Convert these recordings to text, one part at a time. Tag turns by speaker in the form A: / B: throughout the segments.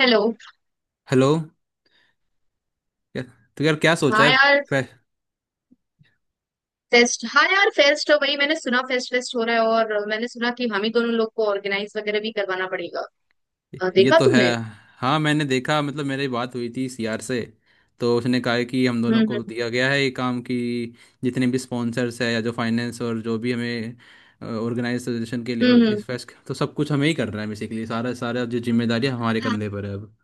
A: Hello.
B: Hello. क्या- तो यार क्या सोचा
A: हाँ
B: है?
A: यार।
B: फै-
A: फेस्ट हाँ यार, फेस्ट वही मैंने सुना, फेस्ट फेस्ट हो रहा है और मैंने सुना कि हम ही दोनों लोग को ऑर्गेनाइज वगैरह भी करवाना पड़ेगा।
B: ये
A: देखा
B: तो है।
A: तुमने।
B: हाँ मैंने देखा, मतलब मेरी बात हुई थी सीआर से। तो उसने कहा है कि हम
A: हम्म
B: दोनों को
A: हम्म
B: दिया गया है ये काम कि जितने भी स्पॉन्सर्स है या जो फाइनेंस और जो भी हमें ऑर्गेनाइजेशन के लिए
A: हम्म
B: और
A: हम्म, हम्म।
B: इस फेस्ट, तो सब कुछ हमें ही करना है। बेसिकली सारा सारा जो जिम्मेदारी हमारे कंधे पर है अब।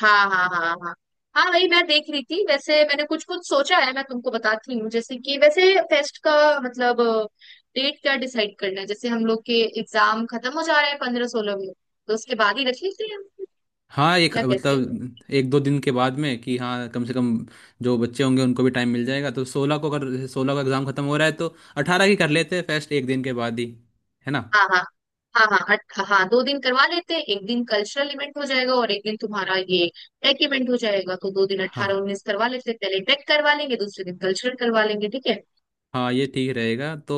A: हाँ हाँ हाँ हाँ। हाँ, वही मैं देख रही थी। वैसे मैंने कुछ कुछ सोचा है, मैं तुमको बताती हूँ। जैसे कि वैसे फेस्ट का मतलब, डेट क्या डिसाइड करना है। जैसे हम लोग के एग्जाम खत्म हो जा रहे हैं 15 16 में, तो उसके बाद ही रख लेते हैं।
B: हाँ, एक,
A: क्या कहते हो?
B: मतलब एक दो दिन के बाद में कि हाँ, कम से कम जो बच्चे होंगे उनको भी टाइम मिल जाएगा। तो 16 को, अगर 16 का एग्ज़ाम खत्म हो रहा है, तो 18 की कर लेते हैं फेस्ट, एक दिन के बाद ही। है ना?
A: हाँ हाँ हाँ हाँ, हाँ हाँ, दो दिन करवा लेते हैं। एक दिन कल्चरल इवेंट हो जाएगा और एक दिन तुम्हारा ये टेक इवेंट हो जाएगा। तो दो दिन
B: हाँ
A: 18 19 करवा लेते हैं, पहले टेक करवा लेंगे, दूसरे दिन कल्चरल करवा लेंगे। ठीक है?
B: हाँ, ये ठीक रहेगा। तो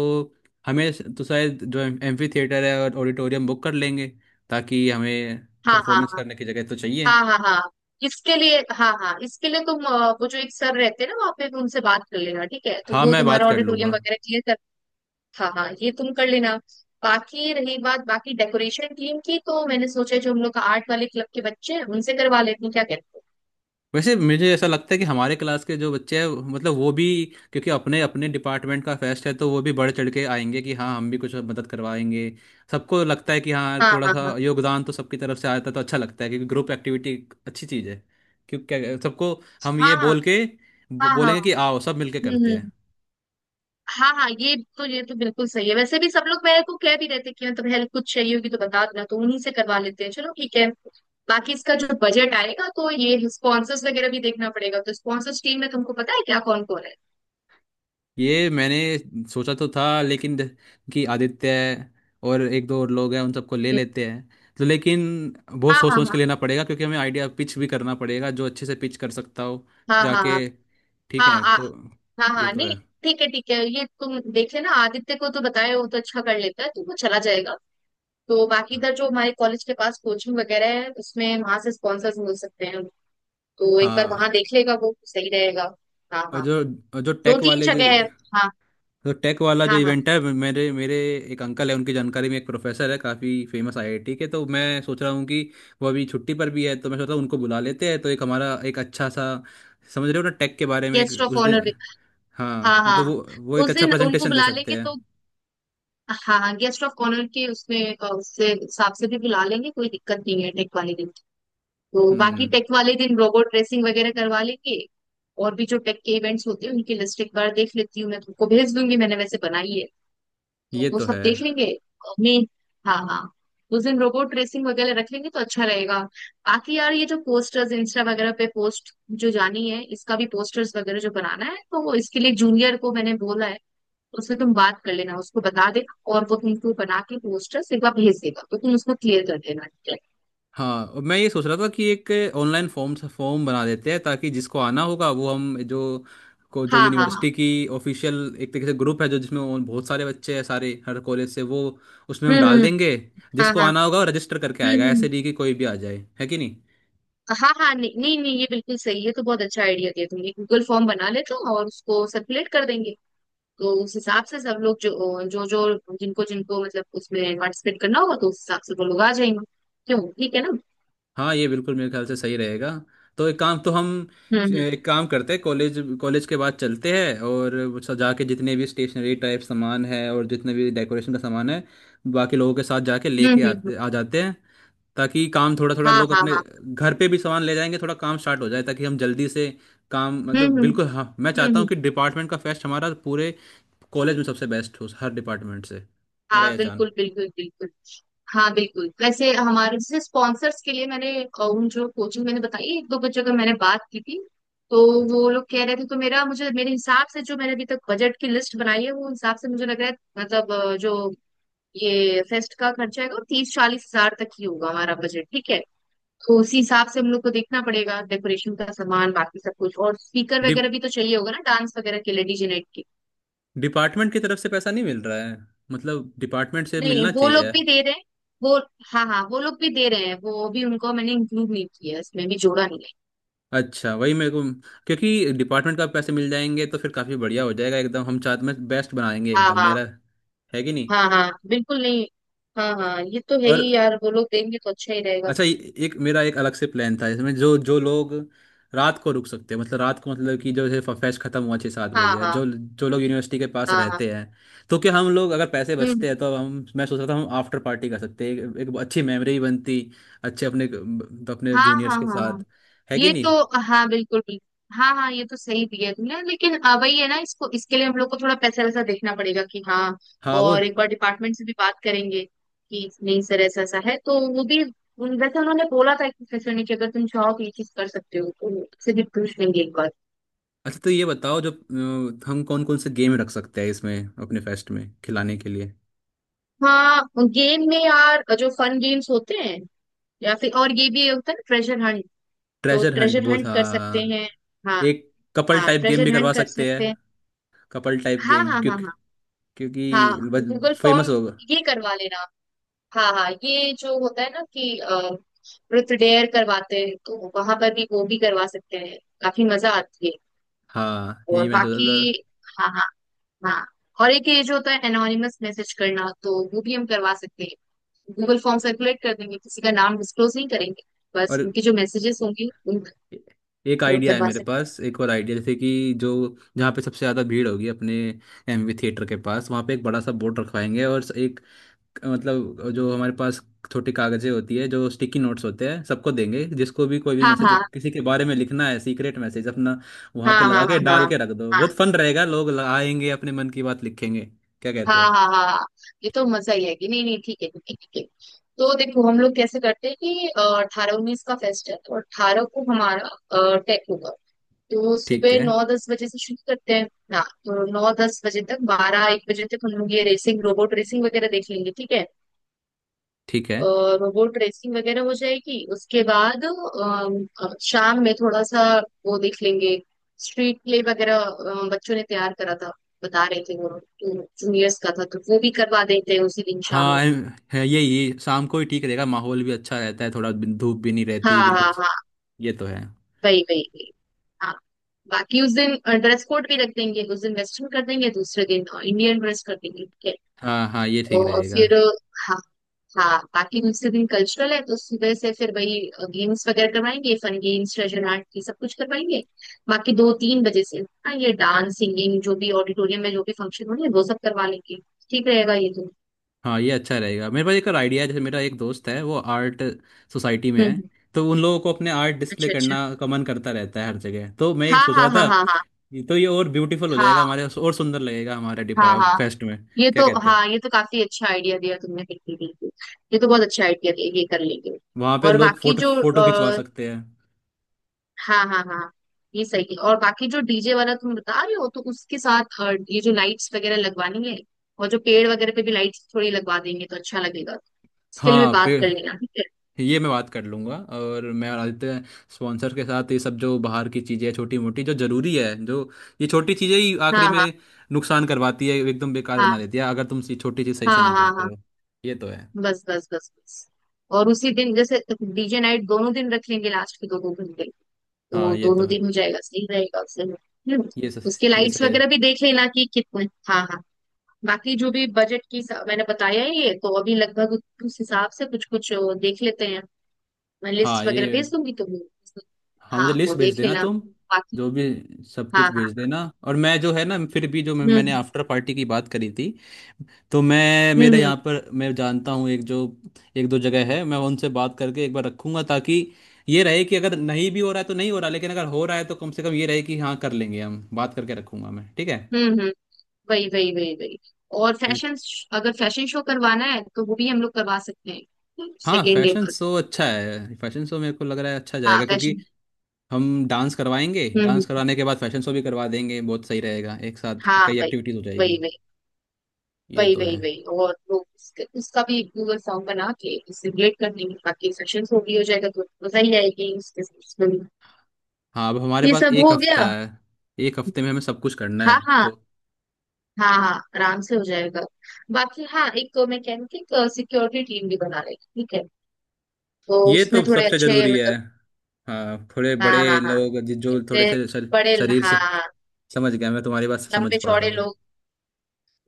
B: हमें, तो शायद जो एम्फी थिएटर है और ऑडिटोरियम बुक कर लेंगे, ताकि हमें
A: हाँ
B: परफॉर्मेंस
A: हाँ
B: करने की जगह तो चाहिए।
A: हाँ हाँ। हाँ हाँ इसके लिए, हाँ हाँ, इसके लिए तुम वो जो एक सर रहते हैं ना वहाँ पे, उनसे बात कर लेना ठीक है, तो
B: हाँ,
A: वो
B: मैं बात
A: तुम्हारा
B: कर
A: ऑडिटोरियम
B: लूँगा।
A: वगैरह क्लियर कर। हाँ हाँ, ये तुम कर लेना। बाकी रही बात, बाकी डेकोरेशन टीम की, तो मैंने सोचा जो हम लोग का आर्ट वाले क्लब के बच्चे हैं, उनसे करवा लेते हैं। क्या कहते हो?
B: वैसे मुझे ऐसा लगता है कि हमारे क्लास के जो बच्चे हैं, मतलब वो भी, क्योंकि अपने अपने डिपार्टमेंट का फेस्ट है, तो वो भी बढ़ चढ़ के आएंगे कि हाँ हम भी कुछ मदद करवाएंगे। सबको लगता है कि हाँ,
A: हाँ
B: थोड़ा
A: हाँ
B: सा
A: हाँ
B: योगदान तो सबकी तरफ से आता है, तो अच्छा लगता है, क्योंकि ग्रुप एक्टिविटी एक अच्छी चीज़ है। क्योंकि क्या सबको, हम ये
A: हाँ
B: बोल के
A: हाँ हाँ हाँ।
B: बोलेंगे कि आओ सब मिलके करते
A: हम्म।
B: हैं।
A: हाँ हाँ, ये तो बिल्कुल सही है। वैसे भी सब लोग मेरे को कह भी रहे थे कि मतलब हेल्प कुछ चाहिए होगी तो बता देना, तो उन्हीं से करवा लेते हैं। चलो, ठीक है। बाकी इसका जो बजट आएगा तो ये स्पॉन्सर्स वगैरह भी देखना पड़ेगा। तो स्पॉन्सर्स टीम में तुमको पता है क्या, कौन कौन है?
B: ये मैंने सोचा तो था, लेकिन कि आदित्य है, और एक दो और लोग हैं, उन सबको ले
A: हम्म।
B: लेते हैं। तो लेकिन बहुत
A: हाँ
B: सोच सोच
A: हाँ
B: के लेना पड़ेगा, क्योंकि हमें आइडिया पिच भी करना पड़ेगा, जो अच्छे से पिच कर सकता हो
A: हाँ हाँ
B: जाके। ठीक
A: हाँ हाँ
B: है
A: हाँ
B: तो।
A: हाँ, हाँ
B: ये
A: हाँ,
B: तो है।
A: नहीं। ठीक है ठीक है, ये तुम देख लेना। आदित्य को तो बताए, वो तो अच्छा कर लेता है, तो वो चला जाएगा। तो बाकी इधर जो हमारे कॉलेज के पास कोचिंग वगैरह है, उसमें वहां से स्पॉन्सर्स मिल सकते हैं, तो एक बार
B: हाँ।
A: वहां देख लेगा वो, सही रहेगा। हाँ
B: और
A: हाँ,
B: जो, और जो
A: दो
B: टेक
A: तीन
B: वाले
A: जगह
B: जो-
A: है। हाँ
B: तो टेक वाला जो
A: हाँ हाँ,
B: इवेंट है, मेरे मेरे एक अंकल है, उनकी जानकारी में एक प्रोफेसर है, काफ़ी फेमस आईआईटी के। तो मैं सोच रहा हूँ कि वो अभी छुट्टी पर भी है, तो मैं सोच रहा हूँ उनको बुला लेते हैं, तो एक हमारा एक अच्छा सा, समझ रहे हो ना, टेक के बारे में एक
A: गेस्ट ऑफ
B: उस
A: ऑनर
B: दिन।
A: भी। हाँ
B: हाँ,
A: हाँ,
B: मतलब वो एक
A: उस
B: अच्छा
A: दिन उनको
B: प्रेजेंटेशन दे
A: बुला
B: सकते
A: लेंगे
B: हैं।
A: तो। हाँ हाँ, गेस्ट ऑफ ऑनर के उसमें उससे हिसाब से भी बुला लेंगे। कोई दिक्कत नहीं है टेक वाले दिन। तो बाकी
B: हम्म।
A: टेक वाले दिन रोबोट ड्रेसिंग वगैरह करवा लेंगे। और भी जो टेक के इवेंट्स होते हैं उनकी लिस्ट एक बार देख लेती हूँ, मैं तुमको भेज दूंगी, मैंने वैसे बनाई है, तो
B: ये
A: वो
B: तो
A: सब
B: है।
A: देख लेंगे मैं। हाँ हाँ, उस दिन रोबोट रेसिंग वगैरह रख लेंगे तो अच्छा रहेगा। बाकी यार ये जो पोस्टर्स इंस्टा वगैरह पे पोस्ट जो जानी है, इसका भी पोस्टर्स वगैरह जो बनाना है, तो वो इसके लिए जूनियर को मैंने बोला है। उससे तुम बात कर लेना, उसको बता देना, और वो तुमको बना के पोस्टर्स एक बार भेज देगा, तो तुम उसको क्लियर कर देना, ठीक है।
B: हाँ, और मैं ये सोच रहा था कि एक ऑनलाइन फॉर्म फॉर्म बना देते हैं, ताकि जिसको आना होगा वो, हम जो, को जो
A: हाँ हाँ हाँ,
B: यूनिवर्सिटी की ऑफिशियल एक तरीके से ग्रुप है, जो जिसमें और बहुत सारे बच्चे हैं, सारे हर कॉलेज से, वो उसमें हम डाल
A: हम्म।
B: देंगे।
A: हाँ
B: जिसको
A: हाँ,
B: आना होगा वो रजिस्टर करके आएगा,
A: हम्म।
B: ऐसे नहीं कि कोई भी आ जाए, है कि नहीं?
A: हाँ हाँ, नहीं नहीं नहीं, ये बिल्कुल सही है। तो बहुत अच्छा आइडिया दिया तुमने, गूगल फॉर्म बना लेते हो और उसको सर्कुलेट कर देंगे। तो उस हिसाब से सब लोग जो जो जो जिनको जिनको मतलब उसमें पार्टिसिपेट करना होगा, तो उस हिसाब से वो लोग आ जाएंगे। क्यों, ठीक है ना?
B: हाँ, ये बिल्कुल मेरे ख्याल से सही रहेगा। तो एक काम तो हम,
A: हम्म
B: एक काम करते हैं, कॉलेज कॉलेज के बाद चलते हैं और सजा के जितने भी स्टेशनरी टाइप सामान है और जितने भी डेकोरेशन का सामान है, बाकी लोगों के साथ जाके लेके
A: हम्म।
B: आते आ जाते हैं, ताकि काम थोड़ा थोड़ा
A: हाँ
B: लोग
A: हाँ
B: अपने
A: हाँ,
B: घर पे भी सामान ले जाएंगे, थोड़ा काम स्टार्ट हो जाए, ताकि हम जल्दी से काम,
A: हम्म
B: मतलब
A: हम्म
B: बिल्कुल, हाँ मैं चाहता हूँ
A: हम्म।
B: कि डिपार्टमेंट का फेस्ट हमारा पूरे कॉलेज में सबसे बेस्ट हो, हर डिपार्टमेंट से। मेरा
A: हाँ,
B: ये चाहना।
A: बिल्कुल बिल्कुल बिल्कुल। हाँ बिल्कुल। वैसे हमारे से स्पॉन्सर्स के लिए मैंने उन जो कोचिंग मैंने बताई, एक दो बच्चों का मैंने बात की थी, तो वो लोग कह रहे थे, तो मेरा मुझे मेरे हिसाब से जो मैंने अभी तक बजट की लिस्ट बनाई है, वो हिसाब से मुझे लग रहा है मतलब जो ये फेस्ट का खर्चा है वो 30 40 हज़ार तक ही होगा हमारा बजट, ठीक है। तो उसी हिसाब से हम लोग को देखना पड़ेगा डेकोरेशन का सामान, बाकी सब कुछ, और स्पीकर
B: डि,
A: वगैरह भी तो चाहिए होगा ना डांस वगैरह के लिए, डीजे नाइट के।
B: डिपार्टमेंट की तरफ से पैसा नहीं मिल रहा है? मतलब डिपार्टमेंट से
A: नहीं नहीं,
B: मिलना
A: वो लोग
B: चाहिए।
A: भी दे रहे हैं वो, हाँ हाँ, वो लोग भी दे रहे हैं वो भी। उनको मैंने इंक्लूड नहीं किया है, इसमें भी जोड़ा नहीं है।
B: अच्छा, वही मेरे को, क्योंकि डिपार्टमेंट का पैसे मिल जाएंगे तो फिर काफ़ी बढ़िया हो जाएगा एकदम, हम चाहते में बेस्ट बनाएंगे
A: हाँ
B: एकदम,
A: हाँ
B: मेरा, है कि नहीं?
A: हाँ, हाँ बिल्कुल नहीं। हाँ हाँ, ये तो है
B: और
A: ही यार, वो लोग देंगे तो अच्छा ही रहेगा।
B: अच्छा, एक मेरा एक अलग से प्लान था इसमें, जो जो लोग रात को रुक सकते हैं, मतलब रात को, मतलब कि जो, जैसे फेस्ट खत्म हुआ 6-7
A: हाँ
B: बजे,
A: हाँ
B: जो जो लोग यूनिवर्सिटी के पास
A: हाँ हाँ,
B: रहते हैं, तो क्या हम लोग, अगर पैसे
A: हम्म।
B: बचते हैं तो हम, मैं सोच रहा था हम आफ्टर पार्टी कर सकते हैं, एक अच्छी मेमोरी बनती अच्छे, अपने तो अपने
A: हाँ
B: जूनियर्स
A: हाँ
B: के
A: हाँ हाँ,
B: साथ, है कि
A: ये तो,
B: नहीं?
A: हाँ बिल्कुल बिल्कुल। हाँ हाँ, ये तो सही दिया तुमने, लेकिन वही है ना, इसको इसके लिए हम लोग को थोड़ा पैसा वैसा देखना पड़ेगा कि हाँ।
B: हाँ वो।
A: और एक बार डिपार्टमेंट से भी बात करेंगे कि नहीं सर ऐसा ऐसा है, तो वो भी वैसे उन्होंने बोला था एक प्रोफेसर ने कि अगर तुम चाहो तो ये चीज कर सकते हो, तो उससे भी पूछ लेंगे एक बार।
B: अच्छा, तो ये बताओ जो हम कौन कौन से गेम रख सकते हैं इसमें, अपने फेस्ट में खिलाने के लिए?
A: हाँ, गेम में यार जो फन गेम्स होते हैं, या फिर और ये भी होता है ना, ट्रेजर हंट, तो
B: ट्रेजर हंट
A: ट्रेजर
B: वो
A: हंट
B: था।
A: कर सकते हैं। हाँ
B: एक कपल
A: हाँ,
B: टाइप गेम
A: ट्रेजर
B: भी करवा
A: हंट कर
B: सकते हैं।
A: सकते हैं।
B: कपल टाइप
A: हाँ
B: गेम
A: हाँ
B: क्यों?
A: हाँ हाँ, हाँ
B: क्योंकि
A: गूगल
B: फेमस
A: फॉर्म,
B: होगा।
A: ये करवा लेना। हाँ हाँ, ये जो होता है ना कि रुत डेयर करवाते हैं, तो वहां पर भी वो भी करवा सकते हैं, काफी मजा आती है।
B: हाँ,
A: और
B: यही मैं सोचा
A: बाकी,
B: था।
A: हाँ हाँ हाँ। और एक ये जो होता है एनोनिमस मैसेज करना, तो वो भी हम करवा सकते हैं। गूगल फॉर्म सर्कुलेट कर देंगे, किसी का नाम डिस्क्लोज नहीं करेंगे, बस
B: और
A: उनके जो मैसेजेस होंगे उन
B: ए- एक
A: वो
B: आइडिया है
A: करवा
B: मेरे
A: सकते हैं।
B: पास, एक और आइडिया, जैसे कि जो जहाँ पे सबसे ज़्यादा भीड़ होगी अपने एमवी थिएटर के पास, वहाँ पे एक बड़ा सा बोर्ड रखवाएंगे और एक, मतलब जो हमारे पास छोटी कागज़ें होती है, जो स्टिकी नोट्स होते हैं, सबको देंगे। जिसको भी कोई भी
A: हाँ
B: मैसेज
A: हाँ
B: किसी के बारे में लिखना है, सीक्रेट मैसेज अपना वहाँ
A: हाँ
B: पे लगा
A: हाँ
B: के
A: हाँ हाँ
B: डाल के रख दो।
A: हाँ
B: बहुत फन रहेगा, लोग आएंगे अपने मन की बात लिखेंगे, क्या
A: हाँ
B: कहते हो?
A: हाँ हाँ हाँ, ये तो मजा ही है कि। नहीं नहीं, ठीक है ठीक है ठीक है। तो देखो हम लोग कैसे करते हैं कि 18 19 का फेस्ट है तो 18 को हमारा टेक होगा, तो
B: ठीक
A: सुबह
B: है,
A: 9 10 बजे से शुरू करते हैं ना, तो 9 10 बजे तक, 12 1 बजे तक हम लोग ये रेसिंग रोबोट रेसिंग वगैरह देख लेंगे, ठीक है।
B: ठीक है।
A: और वो ड्रेसिंग वगैरह हो जाएगी। उसके बाद शाम में थोड़ा सा वो देख लेंगे, स्ट्रीट प्ले वगैरह बच्चों ने तैयार करा था, बता रहे थे वो, जूनियर्स का था, तो वो भी करवा देते हैं उसी दिन शाम
B: हाँ
A: में।
B: है, यही शाम को ही ठीक रहेगा, माहौल भी अच्छा रहता है, थोड़ा धूप भी नहीं
A: हाँ
B: रहती
A: हाँ
B: बिल्कुल।
A: हाँ,
B: ये तो है।
A: वही वही वही। हाँ, बाकी उस दिन ड्रेस कोड भी रख देंगे, उस दिन वेस्टर्न कर देंगे, दूसरे दिन इंडियन ड्रेस कर देंगे, ठीक है।
B: हाँ हाँ, ये ठीक
A: और
B: रहेगा।
A: फिर, हाँ हाँ, बाकी दूसरे दिन कल्चरल है, तो सुबह से फिर वही गेम्स वगैरह करवाएंगे, फन गेम्स, ट्रेजर हंट, ये सब कुछ करवाएंगे। बाकी 2 3 बजे से, हाँ ये डांस सिंगिंग जो भी ऑडिटोरियम में जो भी फंक्शन होने, वो सब करवा लेंगे। ठीक रहेगा ये तो।
B: हाँ ये अच्छा रहेगा, मेरे पास एक और आइडिया है। जैसे मेरा एक दोस्त है, वो आर्ट सोसाइटी में है,
A: हम्म।
B: तो उन लोगों को अपने आर्ट डिस्प्ले
A: अच्छा अच्छा।
B: करना का मन करता रहता है हर जगह, तो मैं एक
A: हाँ
B: सोच रहा
A: हाँ
B: था,
A: हाँ हाँ हाँ
B: ये तो ये और ब्यूटीफुल हो जाएगा
A: हाँ
B: हमारे, और सुंदर लगेगा हमारे
A: हाँ
B: डिपा
A: हाँ,
B: फेस्ट में,
A: ये
B: क्या
A: तो,
B: कहते हैं?
A: हाँ ये तो काफी अच्छा आइडिया दिया तुमने, बिल्कुल बिल्कुल। ये तो बहुत अच्छा आइडिया दिया, ये कर लेंगे।
B: वहाँ पे
A: और
B: लोग
A: बाकी
B: फोटो
A: जो,
B: फोटो खिंचवा सकते हैं।
A: हाँ हाँ हाँ, ये सही है। और बाकी जो डीजे वाला तुम बता रहे हो तो उसके साथ ये जो लाइट्स वगैरह लगवानी है, और जो पेड़ वगैरह पे भी लाइट्स थोड़ी लगवा देंगे तो अच्छा लगेगा, स्टिल में
B: हाँ पे,
A: बात कर लेना, ठीक है।
B: ये मैं बात कर लूंगा। और मैं और आदित्य स्पॉन्सर के साथ ये सब जो बाहर की चीज़ें छोटी मोटी जो ज़रूरी है, जो, ये छोटी चीज़ें ही
A: हाँ
B: आखिरी
A: हाँ
B: में नुकसान करवाती है, एकदम बेकार
A: हाँ
B: बना देती है अगर तुम ये छोटी चीज़ सही
A: हाँ
B: से नहीं
A: हाँ
B: करते
A: हाँ,
B: हो। ये तो है।
A: बस बस बस बस। और उसी दिन जैसे डीजे नाइट दोनों दिन रख लेंगे, लास्ट के दो दो घंटे,
B: हाँ
A: तो
B: ये तो
A: दोनों
B: है,
A: दिन हो जाएगा, सही रहेगा उससे। हम्म।
B: ये
A: उसके
B: सही, ये
A: लाइट्स
B: सही है।
A: वगैरह भी देख लेना कि कितने, हाँ हाँ। बाकी जो भी बजट की मैंने बताया है ये तो, अभी लगभग उस हिसाब से कुछ कुछ देख लेते हैं। मैं
B: हाँ
A: लिस्ट वगैरह
B: ये,
A: भेज दूंगी तुम्हें।
B: हाँ मुझे
A: हाँ वो
B: लिस्ट भेज
A: देख
B: देना
A: लेना
B: तुम,
A: बाकी।
B: जो भी, सब
A: हाँ
B: कुछ भेज
A: हाँ,
B: देना। और मैं जो है ना, फिर भी जो मैंने
A: हम्म
B: आफ्टर पार्टी की बात करी थी, तो मैं,
A: हम्म
B: मेरा
A: हम्म
B: यहाँ पर मैं जानता हूँ एक जो, एक दो जगह है, मैं उनसे बात करके एक बार रखूंगा। ताकि ये रहे कि अगर नहीं भी हो रहा है तो नहीं हो रहा, लेकिन अगर हो रहा है तो कम से कम ये रहे कि हाँ, कर लेंगे, हम बात करके रखूंगा मैं, ठीक है?
A: हम्म। वही वही वही वही। और
B: क्यों-
A: फैशन, अगर फैशन शो करवाना है तो वो भी हम लोग करवा सकते हैं
B: हाँ,
A: सेकेंड डे
B: फैशन
A: पर।
B: शो अच्छा है, फैशन शो मेरे को लग रहा है अच्छा
A: हाँ
B: जाएगा, क्योंकि
A: फैशन,
B: हम डांस करवाएंगे,
A: हम्म।
B: डांस करवाने के बाद फैशन शो भी करवा देंगे, बहुत सही रहेगा, एक साथ
A: हाँ
B: कई
A: वही
B: एक्टिविटीज हो
A: वही
B: जाएगी।
A: वही
B: ये
A: वही
B: तो है।
A: वही वही। और वो उसका भी गूगल फॉर्म बना के उससे रिलेट कर देंगे, बाकी फैशन शो भी हो जाएगा तो मजा ही आएगी उसके साथ।
B: हाँ, अब हमारे
A: ये
B: पास
A: सब
B: एक
A: हो
B: हफ्ता
A: गया।
B: है, एक हफ्ते में हमें सब कुछ करना
A: हाँ
B: है
A: हाँ
B: तो।
A: हाँ हाँ, आराम से हो जाएगा। बाकी हाँ, एक मैं कह रही थी, सिक्योरिटी टीम भी बना लेगी, ठीक है, तो
B: ये
A: उसमें
B: तो
A: थोड़े
B: सबसे
A: अच्छे
B: जरूरी है।
A: मतलब,
B: हाँ थोड़े
A: हाँ
B: बड़े
A: हाँ हाँ,
B: लोग, जो थोड़े
A: इसमें
B: से
A: बड़े,
B: शरीर से,
A: हाँ
B: समझ गया, मैं तुम्हारी बात समझ
A: लंबे
B: पा रहा
A: चौड़े
B: हूँ।
A: लोग,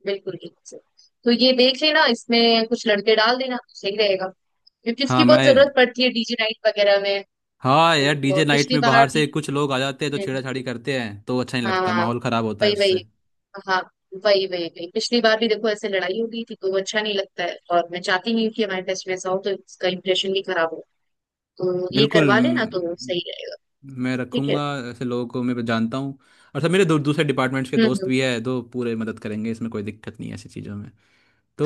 A: बिल्कुल ठीक से। तो ये देख लेना, इसमें कुछ लड़के डाल देना सही रहेगा, क्योंकि
B: हाँ
A: इसकी बहुत
B: मैं,
A: जरूरत पड़ती है डीजे नाइट वगैरह में।
B: हाँ यार
A: उनको
B: डीजे नाइट
A: पिछली
B: में
A: बार,
B: बाहर से कुछ लोग आ जाते हैं तो छेड़ाछाड़ी करते हैं, तो अच्छा नहीं
A: हाँ
B: लगता,
A: हाँ,
B: माहौल खराब होता है
A: वही वही।
B: उससे।
A: हाँ वही वही वही, पिछली बार भी देखो ऐसे लड़ाई हो गई थी तो वो अच्छा नहीं लगता है, और मैं चाहती नहीं हूँ कि हमारे टेस्ट में ऐसा हो, तो इसका इम्प्रेशन भी खराब हो, तो ये
B: बिल्कुल,
A: करवा लेना तो सही रहेगा।
B: मैं
A: ठीक है।
B: रखूंगा। ऐसे लोगों को मैं जानता हूँ, और सब मेरे दूसरे डिपार्टमेंट्स के दोस्त
A: हम्म।
B: भी है, तो पूरे मदद करेंगे, इसमें कोई दिक्कत नहीं है ऐसी चीज़ों में।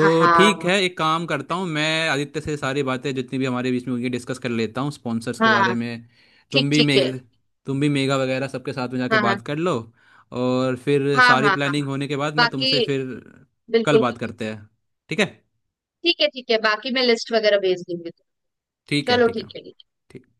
A: हाँ
B: ठीक
A: हाँ
B: है, एक काम करता हूँ, मैं आदित्य से सारी बातें जितनी भी हमारे बीच में होंगी डिस्कस कर लेता हूँ स्पॉन्सर्स के
A: हाँ
B: बारे
A: हाँ,
B: में।
A: ठीक
B: तुम भी
A: ठीक है।
B: मेगा तुम भी मेगा वगैरह सबके साथ में जाके
A: हाँ हाँ
B: बात कर लो। और फिर
A: हाँ
B: सारी
A: हाँ हाँ
B: प्लानिंग होने के बाद मैं
A: बाकी,
B: तुमसे फिर कल
A: बिल्कुल
B: बात
A: बिल्कुल।
B: करते हैं। ठीक है?
A: ठीक है ठीक है, बाकी मैं लिस्ट वगैरह भेज दूंगी।
B: ठीक है,
A: चलो
B: ठीक है।
A: ठीक है।
B: ठीक।